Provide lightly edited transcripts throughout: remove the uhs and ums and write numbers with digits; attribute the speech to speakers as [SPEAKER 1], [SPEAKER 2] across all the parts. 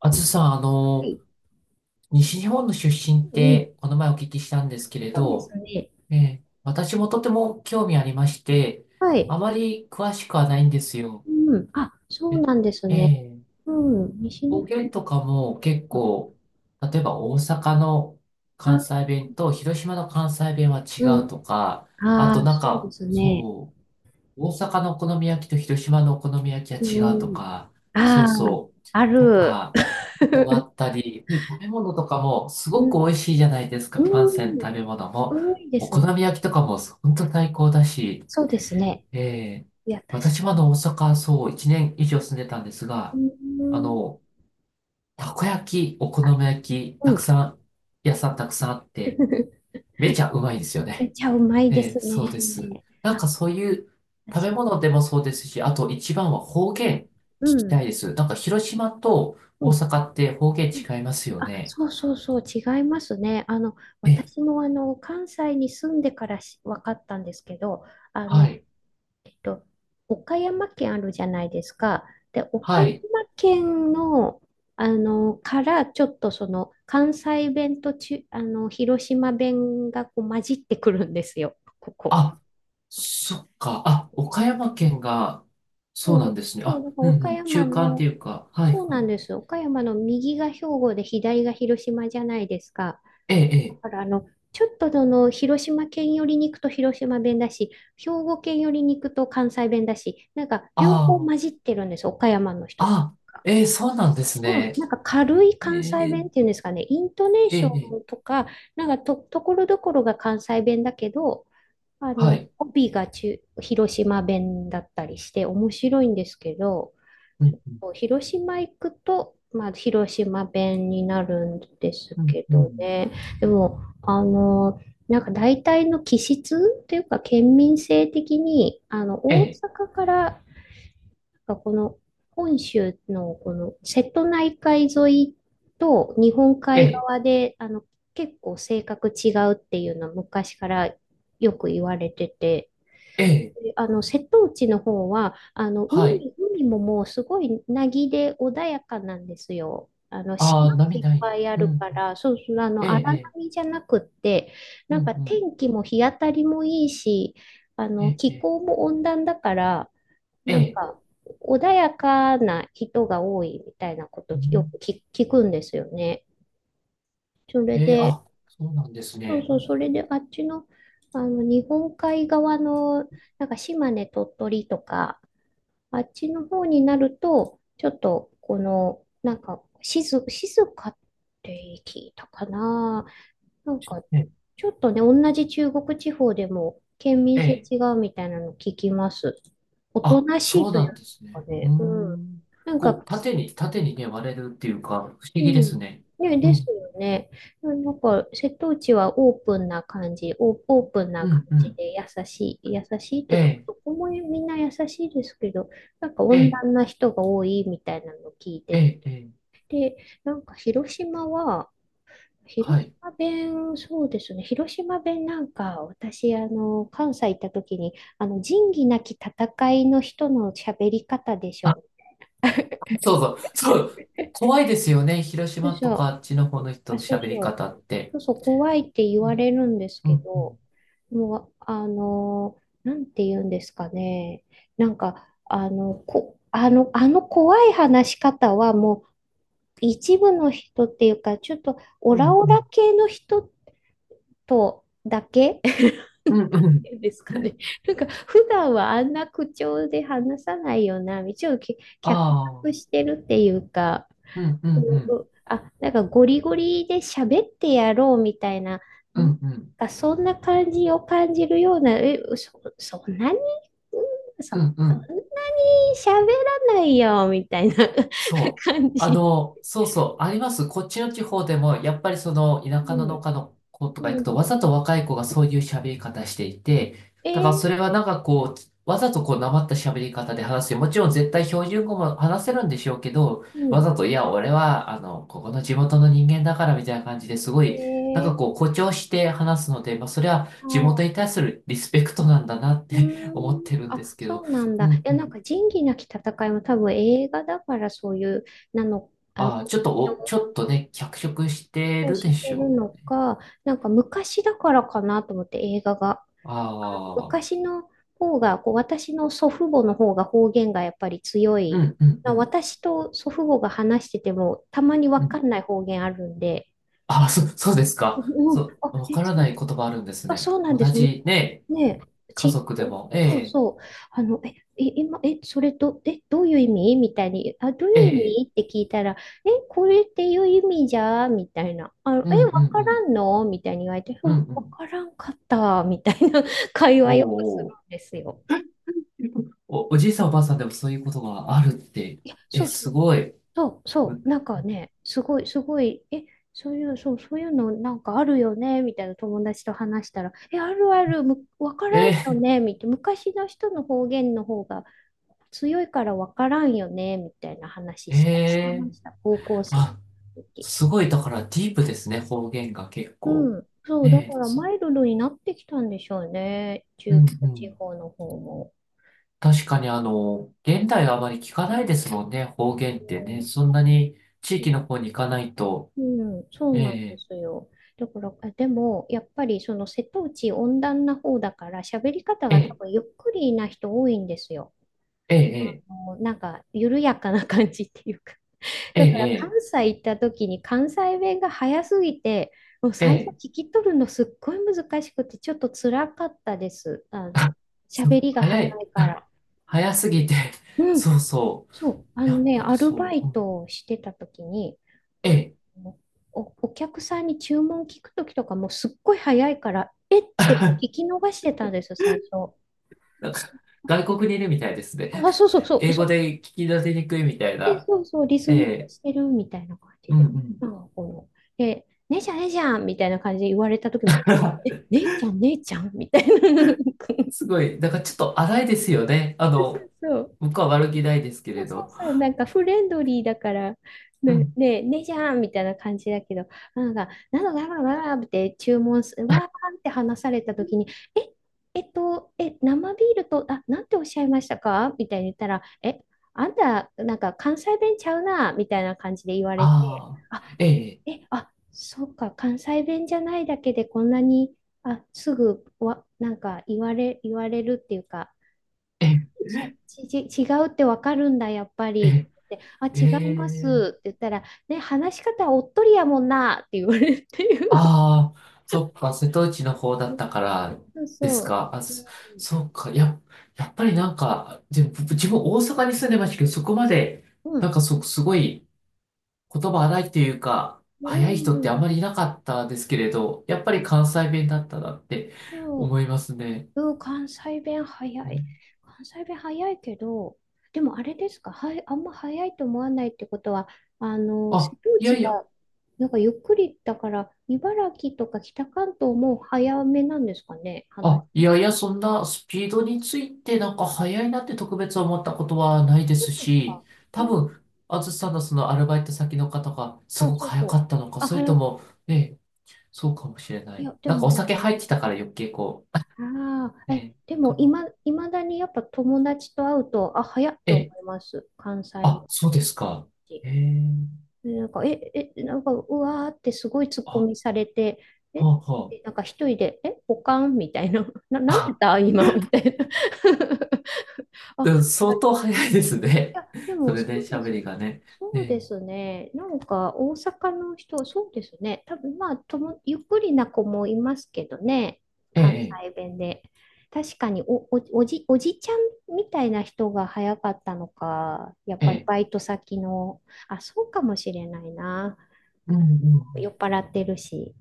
[SPEAKER 1] あずさん、
[SPEAKER 2] はい。
[SPEAKER 1] 西日本の出身っ
[SPEAKER 2] うん。
[SPEAKER 1] て、この前お聞きしたんですけれ
[SPEAKER 2] そうです
[SPEAKER 1] ど、
[SPEAKER 2] ね。
[SPEAKER 1] 私もとても興味ありまして、
[SPEAKER 2] は
[SPEAKER 1] あ
[SPEAKER 2] い。
[SPEAKER 1] まり詳しくはないんですよ。
[SPEAKER 2] うん。あ、そう
[SPEAKER 1] え、
[SPEAKER 2] なんです
[SPEAKER 1] え
[SPEAKER 2] ね。
[SPEAKER 1] え、
[SPEAKER 2] うん。西
[SPEAKER 1] 方
[SPEAKER 2] 日
[SPEAKER 1] 言とかも結
[SPEAKER 2] 本。
[SPEAKER 1] 構、例えば大阪の関
[SPEAKER 2] あ、
[SPEAKER 1] 西弁と広島の関西弁は違
[SPEAKER 2] う
[SPEAKER 1] う
[SPEAKER 2] ん。
[SPEAKER 1] とか、あ
[SPEAKER 2] あ
[SPEAKER 1] と
[SPEAKER 2] あ、
[SPEAKER 1] なん
[SPEAKER 2] そうで
[SPEAKER 1] か、
[SPEAKER 2] すね。
[SPEAKER 1] そう、大阪のお好み焼きと広島のお好み焼
[SPEAKER 2] う
[SPEAKER 1] きは違うと
[SPEAKER 2] ん。
[SPEAKER 1] か、そ
[SPEAKER 2] あ
[SPEAKER 1] う
[SPEAKER 2] あ、
[SPEAKER 1] そう、
[SPEAKER 2] あ
[SPEAKER 1] と
[SPEAKER 2] る。
[SPEAKER 1] か、のがあ ったり、で、食べ物とかもす
[SPEAKER 2] う
[SPEAKER 1] ごく
[SPEAKER 2] ん。
[SPEAKER 1] 美味しいじゃないですか、関西の
[SPEAKER 2] うん。
[SPEAKER 1] 食べ物も。
[SPEAKER 2] 多いで
[SPEAKER 1] お
[SPEAKER 2] す
[SPEAKER 1] 好
[SPEAKER 2] ね。
[SPEAKER 1] み焼きとかも本当最高だし、
[SPEAKER 2] そうですね。
[SPEAKER 1] ええ
[SPEAKER 2] いや、確
[SPEAKER 1] 私
[SPEAKER 2] か
[SPEAKER 1] まだ大阪、そう、1年以上住んでたんですが、
[SPEAKER 2] に。
[SPEAKER 1] あ
[SPEAKER 2] うん。
[SPEAKER 1] の、たこ焼き、お好み焼き、
[SPEAKER 2] う
[SPEAKER 1] たく
[SPEAKER 2] ん。
[SPEAKER 1] さん、屋さんたくさんあって、めちゃうまいですよ
[SPEAKER 2] めっ
[SPEAKER 1] ね。
[SPEAKER 2] ちゃうまいで
[SPEAKER 1] え
[SPEAKER 2] す
[SPEAKER 1] え、
[SPEAKER 2] ね。
[SPEAKER 1] そうです。なん
[SPEAKER 2] あ、
[SPEAKER 1] かそういう
[SPEAKER 2] 確
[SPEAKER 1] 食べ
[SPEAKER 2] か
[SPEAKER 1] 物でもそうですし、あと一番は方
[SPEAKER 2] に。
[SPEAKER 1] 言聞
[SPEAKER 2] う
[SPEAKER 1] きた
[SPEAKER 2] ん。
[SPEAKER 1] いです。なんか広島と
[SPEAKER 2] う
[SPEAKER 1] 大
[SPEAKER 2] ん。
[SPEAKER 1] 阪って方言
[SPEAKER 2] うん。
[SPEAKER 1] 違いますよ
[SPEAKER 2] あ、
[SPEAKER 1] ね。
[SPEAKER 2] そうそうそう、違いますね。
[SPEAKER 1] ええ、
[SPEAKER 2] 私も関西に住んでからし分かったんですけど、あ
[SPEAKER 1] は
[SPEAKER 2] の、
[SPEAKER 1] い。
[SPEAKER 2] えっと、岡山県あるじゃないですか。で、岡
[SPEAKER 1] は
[SPEAKER 2] 山
[SPEAKER 1] い。
[SPEAKER 2] 県の、からちょっとその、関西弁とち、あの、広島弁がこう混じってくるんですよ、ここ。
[SPEAKER 1] あ、そっか。あ、岡山県が、そうな
[SPEAKER 2] そ
[SPEAKER 1] ん
[SPEAKER 2] う、
[SPEAKER 1] ですね。
[SPEAKER 2] そう、
[SPEAKER 1] あ、
[SPEAKER 2] だから
[SPEAKER 1] うん
[SPEAKER 2] 岡
[SPEAKER 1] うん。
[SPEAKER 2] 山
[SPEAKER 1] 中間って
[SPEAKER 2] の、
[SPEAKER 1] いうか。はい
[SPEAKER 2] そう
[SPEAKER 1] は
[SPEAKER 2] なん
[SPEAKER 1] い。
[SPEAKER 2] です。岡山の右が兵庫で左が広島じゃないですか。
[SPEAKER 1] ええ、え
[SPEAKER 2] だか
[SPEAKER 1] え。
[SPEAKER 2] らちょっとその広島県寄りに行くと広島弁だし、兵庫県寄りに行くと関西弁だし、なんか両方混
[SPEAKER 1] あ
[SPEAKER 2] じってるんです、岡山の人が。
[SPEAKER 1] あ、あ、ええ、そうなんです
[SPEAKER 2] うん、
[SPEAKER 1] ね。
[SPEAKER 2] なんか軽い
[SPEAKER 1] え
[SPEAKER 2] 関西
[SPEAKER 1] え、
[SPEAKER 2] 弁っていうんですかね、イントネー
[SPEAKER 1] え
[SPEAKER 2] シ
[SPEAKER 1] え、
[SPEAKER 2] ョ
[SPEAKER 1] え
[SPEAKER 2] ン
[SPEAKER 1] え、
[SPEAKER 2] とか、なんか、ところどころが関西弁だけど、
[SPEAKER 1] はい。
[SPEAKER 2] 帯が中広島弁だったりして面白いんですけど、
[SPEAKER 1] うん、うん、
[SPEAKER 2] 広島行くと、まあ、広島弁になるんです
[SPEAKER 1] うん、
[SPEAKER 2] け
[SPEAKER 1] う
[SPEAKER 2] ど
[SPEAKER 1] ん。
[SPEAKER 2] ね。でも、なんか大体の気質っていうか、県民性的に、
[SPEAKER 1] え
[SPEAKER 2] 大
[SPEAKER 1] え、
[SPEAKER 2] 阪から、なんかこの本州のこの瀬戸内海沿いと日本
[SPEAKER 1] え
[SPEAKER 2] 海
[SPEAKER 1] え、
[SPEAKER 2] 側で、結構性格違うっていうのは昔からよく言われてて、
[SPEAKER 1] ええ、
[SPEAKER 2] で、瀬戸内の方は、海、
[SPEAKER 1] はい。
[SPEAKER 2] 海ももうすごい凪で穏やかなんですよ。島
[SPEAKER 1] あ
[SPEAKER 2] も
[SPEAKER 1] あ、波
[SPEAKER 2] いっ
[SPEAKER 1] ない。
[SPEAKER 2] ぱいあ
[SPEAKER 1] う
[SPEAKER 2] る
[SPEAKER 1] ん、
[SPEAKER 2] から、そうそう、
[SPEAKER 1] ええ、え
[SPEAKER 2] 荒
[SPEAKER 1] え、
[SPEAKER 2] 波じゃなくって、
[SPEAKER 1] う
[SPEAKER 2] な
[SPEAKER 1] ん、う
[SPEAKER 2] んか
[SPEAKER 1] ん。
[SPEAKER 2] 天気も日当たりもいいし、
[SPEAKER 1] ええ、
[SPEAKER 2] 気
[SPEAKER 1] え
[SPEAKER 2] 候も温暖だから、
[SPEAKER 1] え、え
[SPEAKER 2] なん
[SPEAKER 1] え、
[SPEAKER 2] か、穏やかな人が多いみたいなこ
[SPEAKER 1] う
[SPEAKER 2] とよ
[SPEAKER 1] ん、
[SPEAKER 2] く聞くんですよね。それ
[SPEAKER 1] ええ、
[SPEAKER 2] で、
[SPEAKER 1] あ、そうなんです
[SPEAKER 2] そう
[SPEAKER 1] ね。
[SPEAKER 2] そう、それであっちの、あの日本海側のなんか島根、鳥取とか、あっちの方になると、ちょっと、この、なんか、静かって聞いたかな。なんか、
[SPEAKER 1] ええ、
[SPEAKER 2] ちょっとね、同じ中国地方でも、県民性
[SPEAKER 1] ええ、
[SPEAKER 2] 違うみたいなの聞きます。おと
[SPEAKER 1] あ、
[SPEAKER 2] なし
[SPEAKER 1] そ
[SPEAKER 2] い
[SPEAKER 1] う
[SPEAKER 2] とい
[SPEAKER 1] な
[SPEAKER 2] う
[SPEAKER 1] んです
[SPEAKER 2] か
[SPEAKER 1] ね。うー
[SPEAKER 2] ね、うん。
[SPEAKER 1] ん。
[SPEAKER 2] なん
[SPEAKER 1] こう、
[SPEAKER 2] か、
[SPEAKER 1] 縦に、縦にね、割れるっていうか、不思
[SPEAKER 2] う
[SPEAKER 1] 議で
[SPEAKER 2] ん。
[SPEAKER 1] すね。
[SPEAKER 2] ね、
[SPEAKER 1] う
[SPEAKER 2] です
[SPEAKER 1] ん、
[SPEAKER 2] よね。なんか、瀬戸内はオープンな感じ、オープンな
[SPEAKER 1] う
[SPEAKER 2] 感
[SPEAKER 1] ん、う
[SPEAKER 2] じ
[SPEAKER 1] ん。
[SPEAKER 2] で優しい、優しいとい
[SPEAKER 1] え
[SPEAKER 2] うか、
[SPEAKER 1] え、
[SPEAKER 2] どこもみんな優しいですけど、なんか
[SPEAKER 1] え
[SPEAKER 2] 温
[SPEAKER 1] え、
[SPEAKER 2] 暖な人が多いみたいなのを聞いて
[SPEAKER 1] ええ、ええ、
[SPEAKER 2] て、なんか広島は、広
[SPEAKER 1] はい。
[SPEAKER 2] 島弁、そうですね、広島弁なんか、私、関西行った時に、仁義なき戦いの人の喋り方でし
[SPEAKER 1] あ、
[SPEAKER 2] ょ。
[SPEAKER 1] そうそう、そう。怖いですよね。広
[SPEAKER 2] そう
[SPEAKER 1] 島と
[SPEAKER 2] そ
[SPEAKER 1] か
[SPEAKER 2] う、
[SPEAKER 1] あっちの方の人
[SPEAKER 2] あ、
[SPEAKER 1] の
[SPEAKER 2] そう
[SPEAKER 1] 喋り
[SPEAKER 2] そう。
[SPEAKER 1] 方って。
[SPEAKER 2] そうそう、怖いって言わ
[SPEAKER 1] ね、
[SPEAKER 2] れるんです
[SPEAKER 1] う
[SPEAKER 2] け
[SPEAKER 1] ん、う
[SPEAKER 2] ど、
[SPEAKER 1] ん、
[SPEAKER 2] もう、なんて言うんですかね。なんか、あの、こ、あの、あの怖い話し方はもう一部の人っていうか、ちょっとオ
[SPEAKER 1] う
[SPEAKER 2] ラ
[SPEAKER 1] ん、
[SPEAKER 2] オラ系の人とだけ
[SPEAKER 1] うん、うん、うん。
[SPEAKER 2] ですかね。なんか、普段はあんな口調で話さないよな、一応
[SPEAKER 1] あ
[SPEAKER 2] 脚色
[SPEAKER 1] あ、
[SPEAKER 2] してるっていうか、
[SPEAKER 1] うん、うん、
[SPEAKER 2] うん、
[SPEAKER 1] う
[SPEAKER 2] う
[SPEAKER 1] ん、
[SPEAKER 2] ん、あ、なんかゴリゴリで喋ってやろうみたいな、
[SPEAKER 1] う
[SPEAKER 2] なん
[SPEAKER 1] ん、うん、
[SPEAKER 2] かそんな感じを感じるような、そんなに、うんそ
[SPEAKER 1] うん、うん。
[SPEAKER 2] んなに喋らないよみたいな
[SPEAKER 1] そ う。
[SPEAKER 2] 感じ。
[SPEAKER 1] そうそう、あります。こっちの地方でも、やっぱりその田
[SPEAKER 2] う
[SPEAKER 1] 舎の農
[SPEAKER 2] ん、
[SPEAKER 1] 家の子とか行
[SPEAKER 2] う
[SPEAKER 1] くと、
[SPEAKER 2] ん。
[SPEAKER 1] わざと若い子がそういう喋り方していて、
[SPEAKER 2] え
[SPEAKER 1] だから
[SPEAKER 2] ー、
[SPEAKER 1] それはなんかこう、わざとこう、なまった喋り方で話すよ。もちろん絶対標準語も話せるんでしょうけど、
[SPEAKER 2] う
[SPEAKER 1] わ
[SPEAKER 2] ん。
[SPEAKER 1] ざと、いや、俺は、ここの地元の人間だからみたいな感じですご
[SPEAKER 2] え
[SPEAKER 1] い、なんか
[SPEAKER 2] ー、
[SPEAKER 1] こう、誇張して話すので、まあ、それは
[SPEAKER 2] あ
[SPEAKER 1] 地元
[SPEAKER 2] ー、
[SPEAKER 1] に対するリスペクトなんだなっ
[SPEAKER 2] う
[SPEAKER 1] て
[SPEAKER 2] ー
[SPEAKER 1] 思っ
[SPEAKER 2] ん。
[SPEAKER 1] てるんで
[SPEAKER 2] あ、
[SPEAKER 1] すけど、
[SPEAKER 2] そうなん
[SPEAKER 1] う
[SPEAKER 2] だ。い
[SPEAKER 1] ん、
[SPEAKER 2] や、
[SPEAKER 1] う
[SPEAKER 2] なん
[SPEAKER 1] ん。
[SPEAKER 2] か仁義なき戦いも多分映画だからそういう、なの、
[SPEAKER 1] ああ、ちょっ
[SPEAKER 2] 誇
[SPEAKER 1] とお、
[SPEAKER 2] 張
[SPEAKER 1] ちょっとね、脚色して
[SPEAKER 2] を
[SPEAKER 1] る
[SPEAKER 2] し
[SPEAKER 1] で
[SPEAKER 2] て
[SPEAKER 1] し
[SPEAKER 2] る
[SPEAKER 1] ょう
[SPEAKER 2] の
[SPEAKER 1] ね。
[SPEAKER 2] か、なんか昔だからかなと思って映画が。あの
[SPEAKER 1] ああ、
[SPEAKER 2] 昔の方が、こう私の祖父母の方が方言がやっぱり強
[SPEAKER 1] う
[SPEAKER 2] い。
[SPEAKER 1] ん、うん、
[SPEAKER 2] ま
[SPEAKER 1] う
[SPEAKER 2] あ
[SPEAKER 1] ん、
[SPEAKER 2] 私と祖父母が話しててもたまに
[SPEAKER 1] う
[SPEAKER 2] わ
[SPEAKER 1] ん。
[SPEAKER 2] かんない方言あるんで、
[SPEAKER 1] ああ、そ、そうですか。
[SPEAKER 2] うん、
[SPEAKER 1] そ
[SPEAKER 2] あ、
[SPEAKER 1] う、わ
[SPEAKER 2] え、
[SPEAKER 1] から
[SPEAKER 2] そ
[SPEAKER 1] ない言葉あるんです
[SPEAKER 2] あ、
[SPEAKER 1] ね。
[SPEAKER 2] そうなん
[SPEAKER 1] 同
[SPEAKER 2] です。む
[SPEAKER 1] じ、ね、
[SPEAKER 2] ねえ、
[SPEAKER 1] 家
[SPEAKER 2] ち、
[SPEAKER 1] 族でも、え
[SPEAKER 2] そう
[SPEAKER 1] え、
[SPEAKER 2] そう。あの、え、今、え、それど、え、どういう意味みたいに、あ、どうい
[SPEAKER 1] え
[SPEAKER 2] う意
[SPEAKER 1] え、
[SPEAKER 2] 味って聞いたら、これっていう意味じゃみたいな。
[SPEAKER 1] うん、うん、
[SPEAKER 2] わか
[SPEAKER 1] う
[SPEAKER 2] ら
[SPEAKER 1] ん、
[SPEAKER 2] んのみたいに言われて、う
[SPEAKER 1] うん、
[SPEAKER 2] ん、
[SPEAKER 1] う
[SPEAKER 2] わ
[SPEAKER 1] ん。
[SPEAKER 2] からんかった、みたいな 会話
[SPEAKER 1] お
[SPEAKER 2] よくす
[SPEAKER 1] う
[SPEAKER 2] るん
[SPEAKER 1] おう、
[SPEAKER 2] ですよ。
[SPEAKER 1] お、おじいさんおばあさんでもそういうことがあるって、
[SPEAKER 2] いや、そ
[SPEAKER 1] え、
[SPEAKER 2] うそ
[SPEAKER 1] す
[SPEAKER 2] う。
[SPEAKER 1] ごい。
[SPEAKER 2] そう、そ
[SPEAKER 1] む、
[SPEAKER 2] う、なんかね、すごい、すごい、え、そういう、そう、そういうのなんかあるよね、みたいな友達と話したら、え、あるある、む、わから
[SPEAKER 1] え
[SPEAKER 2] んよ
[SPEAKER 1] え、
[SPEAKER 2] ね、みたいな、昔の人の方言の方が強いからわからんよね、みたいな話
[SPEAKER 1] え
[SPEAKER 2] した、してま
[SPEAKER 1] え、
[SPEAKER 2] した、高校生
[SPEAKER 1] あ、
[SPEAKER 2] の時。
[SPEAKER 1] すごい、だからディープですね、方言が結構。
[SPEAKER 2] うん、そう、だ
[SPEAKER 1] ねえ、
[SPEAKER 2] から
[SPEAKER 1] そ、
[SPEAKER 2] マイルドになってきたんでしょうね、
[SPEAKER 1] うん、
[SPEAKER 2] 中
[SPEAKER 1] う
[SPEAKER 2] 国地
[SPEAKER 1] ん。
[SPEAKER 2] 方の方も。
[SPEAKER 1] 確かにあの、現代はあまり聞かないですもんね、方言
[SPEAKER 2] う
[SPEAKER 1] ってね。
[SPEAKER 2] ん
[SPEAKER 1] そんなに地域の方に行かないと、
[SPEAKER 2] うん、そう
[SPEAKER 1] え
[SPEAKER 2] なんで
[SPEAKER 1] え、
[SPEAKER 2] すよ。だから、あでも、やっぱりその瀬戸内温暖な方だから、喋り方
[SPEAKER 1] え
[SPEAKER 2] が多
[SPEAKER 1] え、
[SPEAKER 2] 分ゆっくりな人多いんですよ。
[SPEAKER 1] ええ、
[SPEAKER 2] もうなんか、緩やかな感じっていうか。
[SPEAKER 1] ええ、
[SPEAKER 2] だから、関
[SPEAKER 1] え
[SPEAKER 2] 西行った時に関西弁が早すぎて、もう最初
[SPEAKER 1] え、ええ、
[SPEAKER 2] 聞き取るのすっごい難しくて、ちょっと辛かったです。
[SPEAKER 1] あ、そ
[SPEAKER 2] 喋
[SPEAKER 1] う、
[SPEAKER 2] りが
[SPEAKER 1] 早
[SPEAKER 2] 早い
[SPEAKER 1] い、
[SPEAKER 2] か
[SPEAKER 1] あ、
[SPEAKER 2] ら。
[SPEAKER 1] 早すぎて、
[SPEAKER 2] うん、
[SPEAKER 1] そうそ
[SPEAKER 2] そう、あ
[SPEAKER 1] う、や
[SPEAKER 2] の
[SPEAKER 1] っ
[SPEAKER 2] ね、
[SPEAKER 1] ぱり
[SPEAKER 2] アルバ
[SPEAKER 1] そう、
[SPEAKER 2] イ
[SPEAKER 1] うん、
[SPEAKER 2] トをしてた時に、
[SPEAKER 1] え
[SPEAKER 2] あ
[SPEAKER 1] え、
[SPEAKER 2] の、お、お客さんに注文聞く時とかもうすっごい早いから、えって こう聞き逃してたんですよ、最初。
[SPEAKER 1] なんか外国にいるみたいですね。
[SPEAKER 2] あ、そう そうそう、
[SPEAKER 1] 英
[SPEAKER 2] そ
[SPEAKER 1] 語
[SPEAKER 2] う、
[SPEAKER 1] で聞き出せにくいみたい
[SPEAKER 2] え
[SPEAKER 1] な、
[SPEAKER 2] そうそう、リス
[SPEAKER 1] え
[SPEAKER 2] ニング
[SPEAKER 1] え、
[SPEAKER 2] してるみたいな感じ
[SPEAKER 1] うん
[SPEAKER 2] で。
[SPEAKER 1] う
[SPEAKER 2] な
[SPEAKER 1] ん。
[SPEAKER 2] んかこの、で、姉ちゃん、姉ちゃんみたいな感じで言われた時も、え、え、姉ちゃん、姉ちゃんみたいな。
[SPEAKER 1] すごい、だからちょっと荒いですよね。あ
[SPEAKER 2] そう
[SPEAKER 1] の、
[SPEAKER 2] そう
[SPEAKER 1] 僕は悪気ないですけれ
[SPEAKER 2] そう
[SPEAKER 1] ど。
[SPEAKER 2] そう、なんかフレンドリーだから、
[SPEAKER 1] う
[SPEAKER 2] ね、
[SPEAKER 1] ん、
[SPEAKER 2] ね、ねじゃんみたいな感じだけど、なんか、なのだわわわって注文す、わーって話されたときに、え、生ビールと、あ、なんておっしゃいましたかみたいに言ったら、え、あんた、なんか関西弁ちゃうな、みたいな感じで言われて、
[SPEAKER 1] あ
[SPEAKER 2] あ、
[SPEAKER 1] あ、ええ、
[SPEAKER 2] え、あ、そうか、関西弁じゃないだけでこんなに、あ、すぐわ、なんか言われるっていうか、
[SPEAKER 1] ええ、
[SPEAKER 2] そう、違うってわかるんだ、やっぱり。
[SPEAKER 1] え
[SPEAKER 2] ってあ、
[SPEAKER 1] え、え
[SPEAKER 2] 違いま
[SPEAKER 1] え、
[SPEAKER 2] すって言ったら、ね、話し方おっとりやもんなって言われるっていう。
[SPEAKER 1] ああ、そっか、瀬戸内の方だったから
[SPEAKER 2] そう
[SPEAKER 1] です
[SPEAKER 2] そう。
[SPEAKER 1] か。あ、そ、そっか、や、やっぱりなんか、でも僕自分大阪に住んでましたけど、そこまで、
[SPEAKER 2] う
[SPEAKER 1] なん
[SPEAKER 2] ん、
[SPEAKER 1] かそ、すごい言葉荒いっていうか、
[SPEAKER 2] う
[SPEAKER 1] 早い
[SPEAKER 2] ん、
[SPEAKER 1] 人っ
[SPEAKER 2] う
[SPEAKER 1] てあ
[SPEAKER 2] ん。
[SPEAKER 1] んまりいなかったですけれど、やっぱ
[SPEAKER 2] あ、
[SPEAKER 1] り関西弁だったなって
[SPEAKER 2] そ
[SPEAKER 1] 思いますね。
[SPEAKER 2] う。うん、関西弁早
[SPEAKER 1] う
[SPEAKER 2] い。
[SPEAKER 1] ん、
[SPEAKER 2] 関西弁早いけど、でもあれですか、はい、あんま早いと思わないってことは、瀬
[SPEAKER 1] あ、
[SPEAKER 2] 戸
[SPEAKER 1] いや
[SPEAKER 2] 内
[SPEAKER 1] いや、
[SPEAKER 2] が、なんかゆっくりだから、茨城とか北関東も早めなんですかね、話。
[SPEAKER 1] あ、いやいや、そんなスピードについてなんか速いなって特別思ったことはないで
[SPEAKER 2] そ
[SPEAKER 1] す
[SPEAKER 2] うですか。
[SPEAKER 1] し、多分、あずさんのそのアルバイト先の方が
[SPEAKER 2] あ、
[SPEAKER 1] すごく
[SPEAKER 2] そう
[SPEAKER 1] 早
[SPEAKER 2] そ
[SPEAKER 1] か
[SPEAKER 2] う。
[SPEAKER 1] ったのか、
[SPEAKER 2] あ、
[SPEAKER 1] それ
[SPEAKER 2] 早
[SPEAKER 1] と
[SPEAKER 2] く、
[SPEAKER 1] も、ね、そうかもしれな
[SPEAKER 2] い
[SPEAKER 1] い。
[SPEAKER 2] や、で
[SPEAKER 1] なんか
[SPEAKER 2] も、
[SPEAKER 1] お酒入ってたから余計こ
[SPEAKER 2] あ
[SPEAKER 1] う、
[SPEAKER 2] あ、
[SPEAKER 1] ね、
[SPEAKER 2] で
[SPEAKER 1] か
[SPEAKER 2] も、
[SPEAKER 1] な。
[SPEAKER 2] いまだにやっぱ友達と会うと、あ、早っっ
[SPEAKER 1] え
[SPEAKER 2] て思
[SPEAKER 1] え、
[SPEAKER 2] います。関西弁
[SPEAKER 1] あ、そうで
[SPEAKER 2] の
[SPEAKER 1] すか。
[SPEAKER 2] し
[SPEAKER 1] ええ、
[SPEAKER 2] でなんか、なんか、うわーってすごい突っ
[SPEAKER 1] あ、
[SPEAKER 2] 込
[SPEAKER 1] は
[SPEAKER 2] みされて、
[SPEAKER 1] あ、
[SPEAKER 2] え、
[SPEAKER 1] は
[SPEAKER 2] でなんか一人で、ポカンみたいな、な、なんで
[SPEAKER 1] あ。あ、
[SPEAKER 2] だ、今、みたいな。あ、
[SPEAKER 1] うん、相当早いです
[SPEAKER 2] い
[SPEAKER 1] ね。
[SPEAKER 2] や、で
[SPEAKER 1] そ
[SPEAKER 2] も
[SPEAKER 1] れ
[SPEAKER 2] そ
[SPEAKER 1] で
[SPEAKER 2] うで
[SPEAKER 1] 喋
[SPEAKER 2] す。
[SPEAKER 1] りがね。え
[SPEAKER 2] そうで
[SPEAKER 1] え、
[SPEAKER 2] すね。なんか大阪の人、そうですね。多分まあとも、ゆっくりな子もいますけどね。
[SPEAKER 1] え
[SPEAKER 2] 関
[SPEAKER 1] え、
[SPEAKER 2] 西弁で。確かにおじちゃんみたいな人が早かったのか、やっ
[SPEAKER 1] え
[SPEAKER 2] ぱり
[SPEAKER 1] え、え
[SPEAKER 2] バ
[SPEAKER 1] え、
[SPEAKER 2] イト先の、あ、そうかもしれないな。
[SPEAKER 1] うんうん
[SPEAKER 2] なん
[SPEAKER 1] うん。
[SPEAKER 2] か酔っ払ってるし。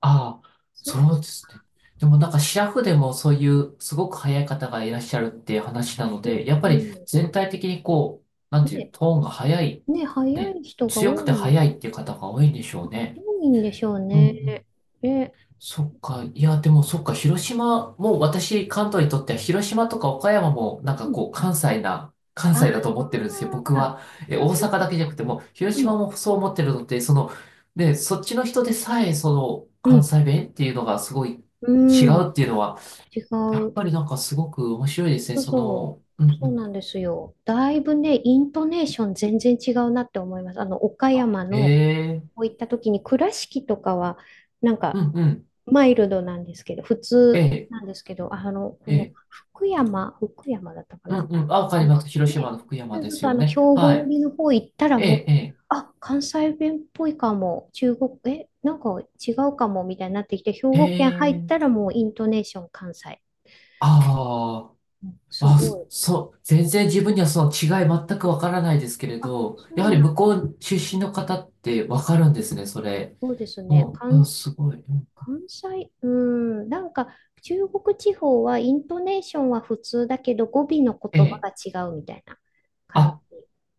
[SPEAKER 1] ああ、
[SPEAKER 2] そう、
[SPEAKER 1] そうですね。でもなんかシラフでもそういうすごく早い方がいらっしゃるっていう話なの
[SPEAKER 2] うん、
[SPEAKER 1] で、やっぱ
[SPEAKER 2] う
[SPEAKER 1] り
[SPEAKER 2] ん。
[SPEAKER 1] 全体的にこう、なんていう、
[SPEAKER 2] ね、
[SPEAKER 1] トーンが早い、
[SPEAKER 2] ね、早
[SPEAKER 1] ね、
[SPEAKER 2] い人が
[SPEAKER 1] 強く
[SPEAKER 2] 多
[SPEAKER 1] て
[SPEAKER 2] い、
[SPEAKER 1] 早いっていう方が多いんでしょうね。
[SPEAKER 2] 多いんでしょう
[SPEAKER 1] うんう
[SPEAKER 2] ね。
[SPEAKER 1] ん、
[SPEAKER 2] え、
[SPEAKER 1] そっか。いや、でもそっか。広島、もう私、関東にとっては広島とか岡山もなん
[SPEAKER 2] う
[SPEAKER 1] か
[SPEAKER 2] ん、
[SPEAKER 1] こう、関西な、関西だと
[SPEAKER 2] あ
[SPEAKER 1] 思ってるんですよ。僕
[SPEAKER 2] あ、
[SPEAKER 1] は。え、
[SPEAKER 2] あ、
[SPEAKER 1] 大
[SPEAKER 2] そう
[SPEAKER 1] 阪
[SPEAKER 2] で
[SPEAKER 1] だ
[SPEAKER 2] す
[SPEAKER 1] けじゃ
[SPEAKER 2] か。
[SPEAKER 1] なくても、広
[SPEAKER 2] う
[SPEAKER 1] 島
[SPEAKER 2] ん。
[SPEAKER 1] もそう思ってるのってその、で、そっちの人でさえ、その、
[SPEAKER 2] う
[SPEAKER 1] 関
[SPEAKER 2] ん。
[SPEAKER 1] 西弁っていうのがすごい
[SPEAKER 2] う
[SPEAKER 1] 違う
[SPEAKER 2] ん。
[SPEAKER 1] っていうのは、
[SPEAKER 2] 違う。
[SPEAKER 1] やっ
[SPEAKER 2] そ
[SPEAKER 1] ぱりなんかすごく面白いですね。
[SPEAKER 2] う
[SPEAKER 1] そ
[SPEAKER 2] そう。
[SPEAKER 1] の、うんう
[SPEAKER 2] そう
[SPEAKER 1] ん。
[SPEAKER 2] なんですよ。だいぶね、イントネーション全然違うなって思います。岡山の、
[SPEAKER 1] え
[SPEAKER 2] こ
[SPEAKER 1] え、
[SPEAKER 2] ういった時に倉敷とかは、なん
[SPEAKER 1] う
[SPEAKER 2] か、
[SPEAKER 1] んうん。
[SPEAKER 2] マイルドなんですけど、普
[SPEAKER 1] え
[SPEAKER 2] 通
[SPEAKER 1] え、
[SPEAKER 2] なんですけど、こ
[SPEAKER 1] え
[SPEAKER 2] の
[SPEAKER 1] え、
[SPEAKER 2] 福山、福山だったか
[SPEAKER 1] う
[SPEAKER 2] な。
[SPEAKER 1] んうん。あ、わか
[SPEAKER 2] あ
[SPEAKER 1] り
[SPEAKER 2] の
[SPEAKER 1] ます。広島
[SPEAKER 2] ね、
[SPEAKER 1] の福山
[SPEAKER 2] そうそ
[SPEAKER 1] で
[SPEAKER 2] う
[SPEAKER 1] す
[SPEAKER 2] そう、
[SPEAKER 1] よ
[SPEAKER 2] 兵
[SPEAKER 1] ね。
[SPEAKER 2] 庫
[SPEAKER 1] は
[SPEAKER 2] 寄
[SPEAKER 1] い。
[SPEAKER 2] りの方行ったら
[SPEAKER 1] え
[SPEAKER 2] もう、
[SPEAKER 1] え、
[SPEAKER 2] あ、関西弁っぽいかも、中国、なんか違うかもみたいになってきて、兵
[SPEAKER 1] ええ、
[SPEAKER 2] 庫県入っ
[SPEAKER 1] ええ、
[SPEAKER 2] たらもうイントネーション関西。
[SPEAKER 1] あ
[SPEAKER 2] うん、
[SPEAKER 1] あ。
[SPEAKER 2] す
[SPEAKER 1] あ、そ、
[SPEAKER 2] ごい。
[SPEAKER 1] そう、全然自分にはその違い全くわからないですけれ
[SPEAKER 2] あ、
[SPEAKER 1] ど、
[SPEAKER 2] そ
[SPEAKER 1] やは
[SPEAKER 2] う
[SPEAKER 1] り
[SPEAKER 2] な
[SPEAKER 1] 向
[SPEAKER 2] ん、
[SPEAKER 1] こう出身の方ってわかるんですね、それ。
[SPEAKER 2] そうですね。
[SPEAKER 1] もう、う
[SPEAKER 2] 関、
[SPEAKER 1] ん、すごい。うん、
[SPEAKER 2] 関西、うん、なんか中国地方はイントネーションは普通だけど語尾の
[SPEAKER 1] え
[SPEAKER 2] 言葉
[SPEAKER 1] え。
[SPEAKER 2] が違うみたいな感じ。
[SPEAKER 1] あ、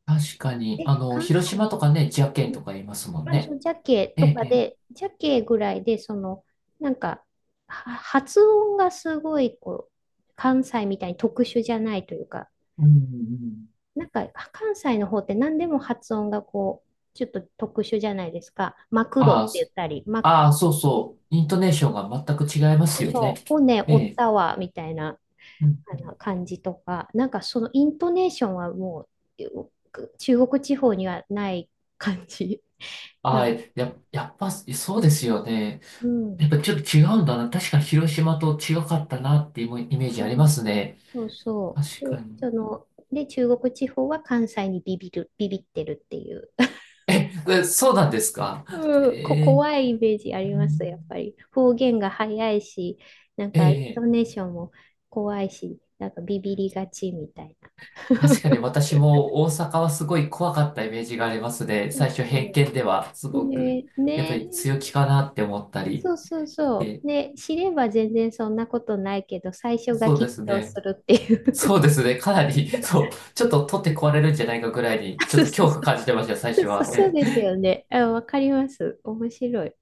[SPEAKER 1] 確かに。
[SPEAKER 2] 関西、
[SPEAKER 1] 広島とかね、ジャケンとか言いますもん
[SPEAKER 2] まあ、そ
[SPEAKER 1] ね。
[SPEAKER 2] のジャケ
[SPEAKER 1] え
[SPEAKER 2] と
[SPEAKER 1] え、
[SPEAKER 2] か
[SPEAKER 1] ええ。
[SPEAKER 2] で、ジャケぐらいで、その、なんか、は発音がすごい、こう、関西みたいに特殊じゃないというか、
[SPEAKER 1] うん、うん。
[SPEAKER 2] なんか、関西の方って何でも発音がこう、ちょっと特殊じゃないですか。マクドっ
[SPEAKER 1] あ
[SPEAKER 2] て
[SPEAKER 1] あ、
[SPEAKER 2] 言っ
[SPEAKER 1] そ、
[SPEAKER 2] たり、マック、
[SPEAKER 1] ああ、そうそう。イントネーションが全く違いま
[SPEAKER 2] そ
[SPEAKER 1] す
[SPEAKER 2] う
[SPEAKER 1] よね。
[SPEAKER 2] そう、骨
[SPEAKER 1] え
[SPEAKER 2] 折っ
[SPEAKER 1] え。
[SPEAKER 2] たわ、みたいな、
[SPEAKER 1] うん、
[SPEAKER 2] あの感じとか、なんかそのイントネーションはもう、中国地方にはない感じ。な
[SPEAKER 1] ああ、
[SPEAKER 2] ん、
[SPEAKER 1] や、やっぱ、そうですよね。
[SPEAKER 2] う
[SPEAKER 1] や
[SPEAKER 2] ん。
[SPEAKER 1] っぱちょっと違うんだな。確かに広島と違かったなっていうイメージあり
[SPEAKER 2] う
[SPEAKER 1] ま
[SPEAKER 2] ん、
[SPEAKER 1] すね。
[SPEAKER 2] そうそ
[SPEAKER 1] 確
[SPEAKER 2] う。
[SPEAKER 1] か
[SPEAKER 2] で、
[SPEAKER 1] に。
[SPEAKER 2] 中国地方は関西にビビってるっていう。
[SPEAKER 1] え、えそうなんですか。
[SPEAKER 2] うん、
[SPEAKER 1] えー、
[SPEAKER 2] 怖いイメージあ
[SPEAKER 1] う
[SPEAKER 2] りま
[SPEAKER 1] ん、
[SPEAKER 2] す、やっぱり。方言が早いし、なん
[SPEAKER 1] え
[SPEAKER 2] か、イント
[SPEAKER 1] え、
[SPEAKER 2] ネーションも怖いし、なんかビビりがちみたいな。
[SPEAKER 1] 確かに 私も大阪はすごい怖かったイメージがありますね。
[SPEAKER 2] そう
[SPEAKER 1] 最初偏
[SPEAKER 2] そ
[SPEAKER 1] 見ではす
[SPEAKER 2] う。
[SPEAKER 1] ごく、
[SPEAKER 2] ね、
[SPEAKER 1] やっぱ
[SPEAKER 2] ね、
[SPEAKER 1] り強気かなって思ったり。
[SPEAKER 2] そうそうそ
[SPEAKER 1] で、
[SPEAKER 2] う。ね、知れば全然そんなことないけど、最初が
[SPEAKER 1] そうで
[SPEAKER 2] 緊
[SPEAKER 1] す
[SPEAKER 2] 張
[SPEAKER 1] ね。
[SPEAKER 2] するってい
[SPEAKER 1] そ
[SPEAKER 2] う。
[SPEAKER 1] うですね。かなり、そう、ちょっと取って壊れるんじゃないかぐらいに、ちょ
[SPEAKER 2] そ
[SPEAKER 1] っ
[SPEAKER 2] う
[SPEAKER 1] と
[SPEAKER 2] そう
[SPEAKER 1] 恐
[SPEAKER 2] そ
[SPEAKER 1] 怖
[SPEAKER 2] う。
[SPEAKER 1] 感じてました、最
[SPEAKER 2] そう
[SPEAKER 1] 初
[SPEAKER 2] そう
[SPEAKER 1] は。
[SPEAKER 2] そう
[SPEAKER 1] え
[SPEAKER 2] です
[SPEAKER 1] え、
[SPEAKER 2] よね。あ、わかります。面白い。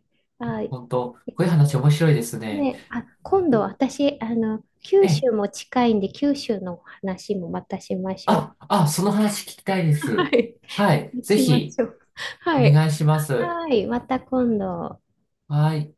[SPEAKER 1] い
[SPEAKER 2] は
[SPEAKER 1] や
[SPEAKER 2] い。
[SPEAKER 1] 本当、こ
[SPEAKER 2] で
[SPEAKER 1] ういう
[SPEAKER 2] す
[SPEAKER 1] 話面白いですね。
[SPEAKER 2] ね。ね、あ、今度私、九
[SPEAKER 1] ええ、
[SPEAKER 2] 州も近いんで、九州のお話もまたしましょ
[SPEAKER 1] あ、あ、その話聞きたいで
[SPEAKER 2] う。は
[SPEAKER 1] す。
[SPEAKER 2] い。
[SPEAKER 1] はい、ぜ
[SPEAKER 2] しま
[SPEAKER 1] ひ、
[SPEAKER 2] しょう。
[SPEAKER 1] お
[SPEAKER 2] はい。
[SPEAKER 1] 願いします。
[SPEAKER 2] はい、また今度。
[SPEAKER 1] はい。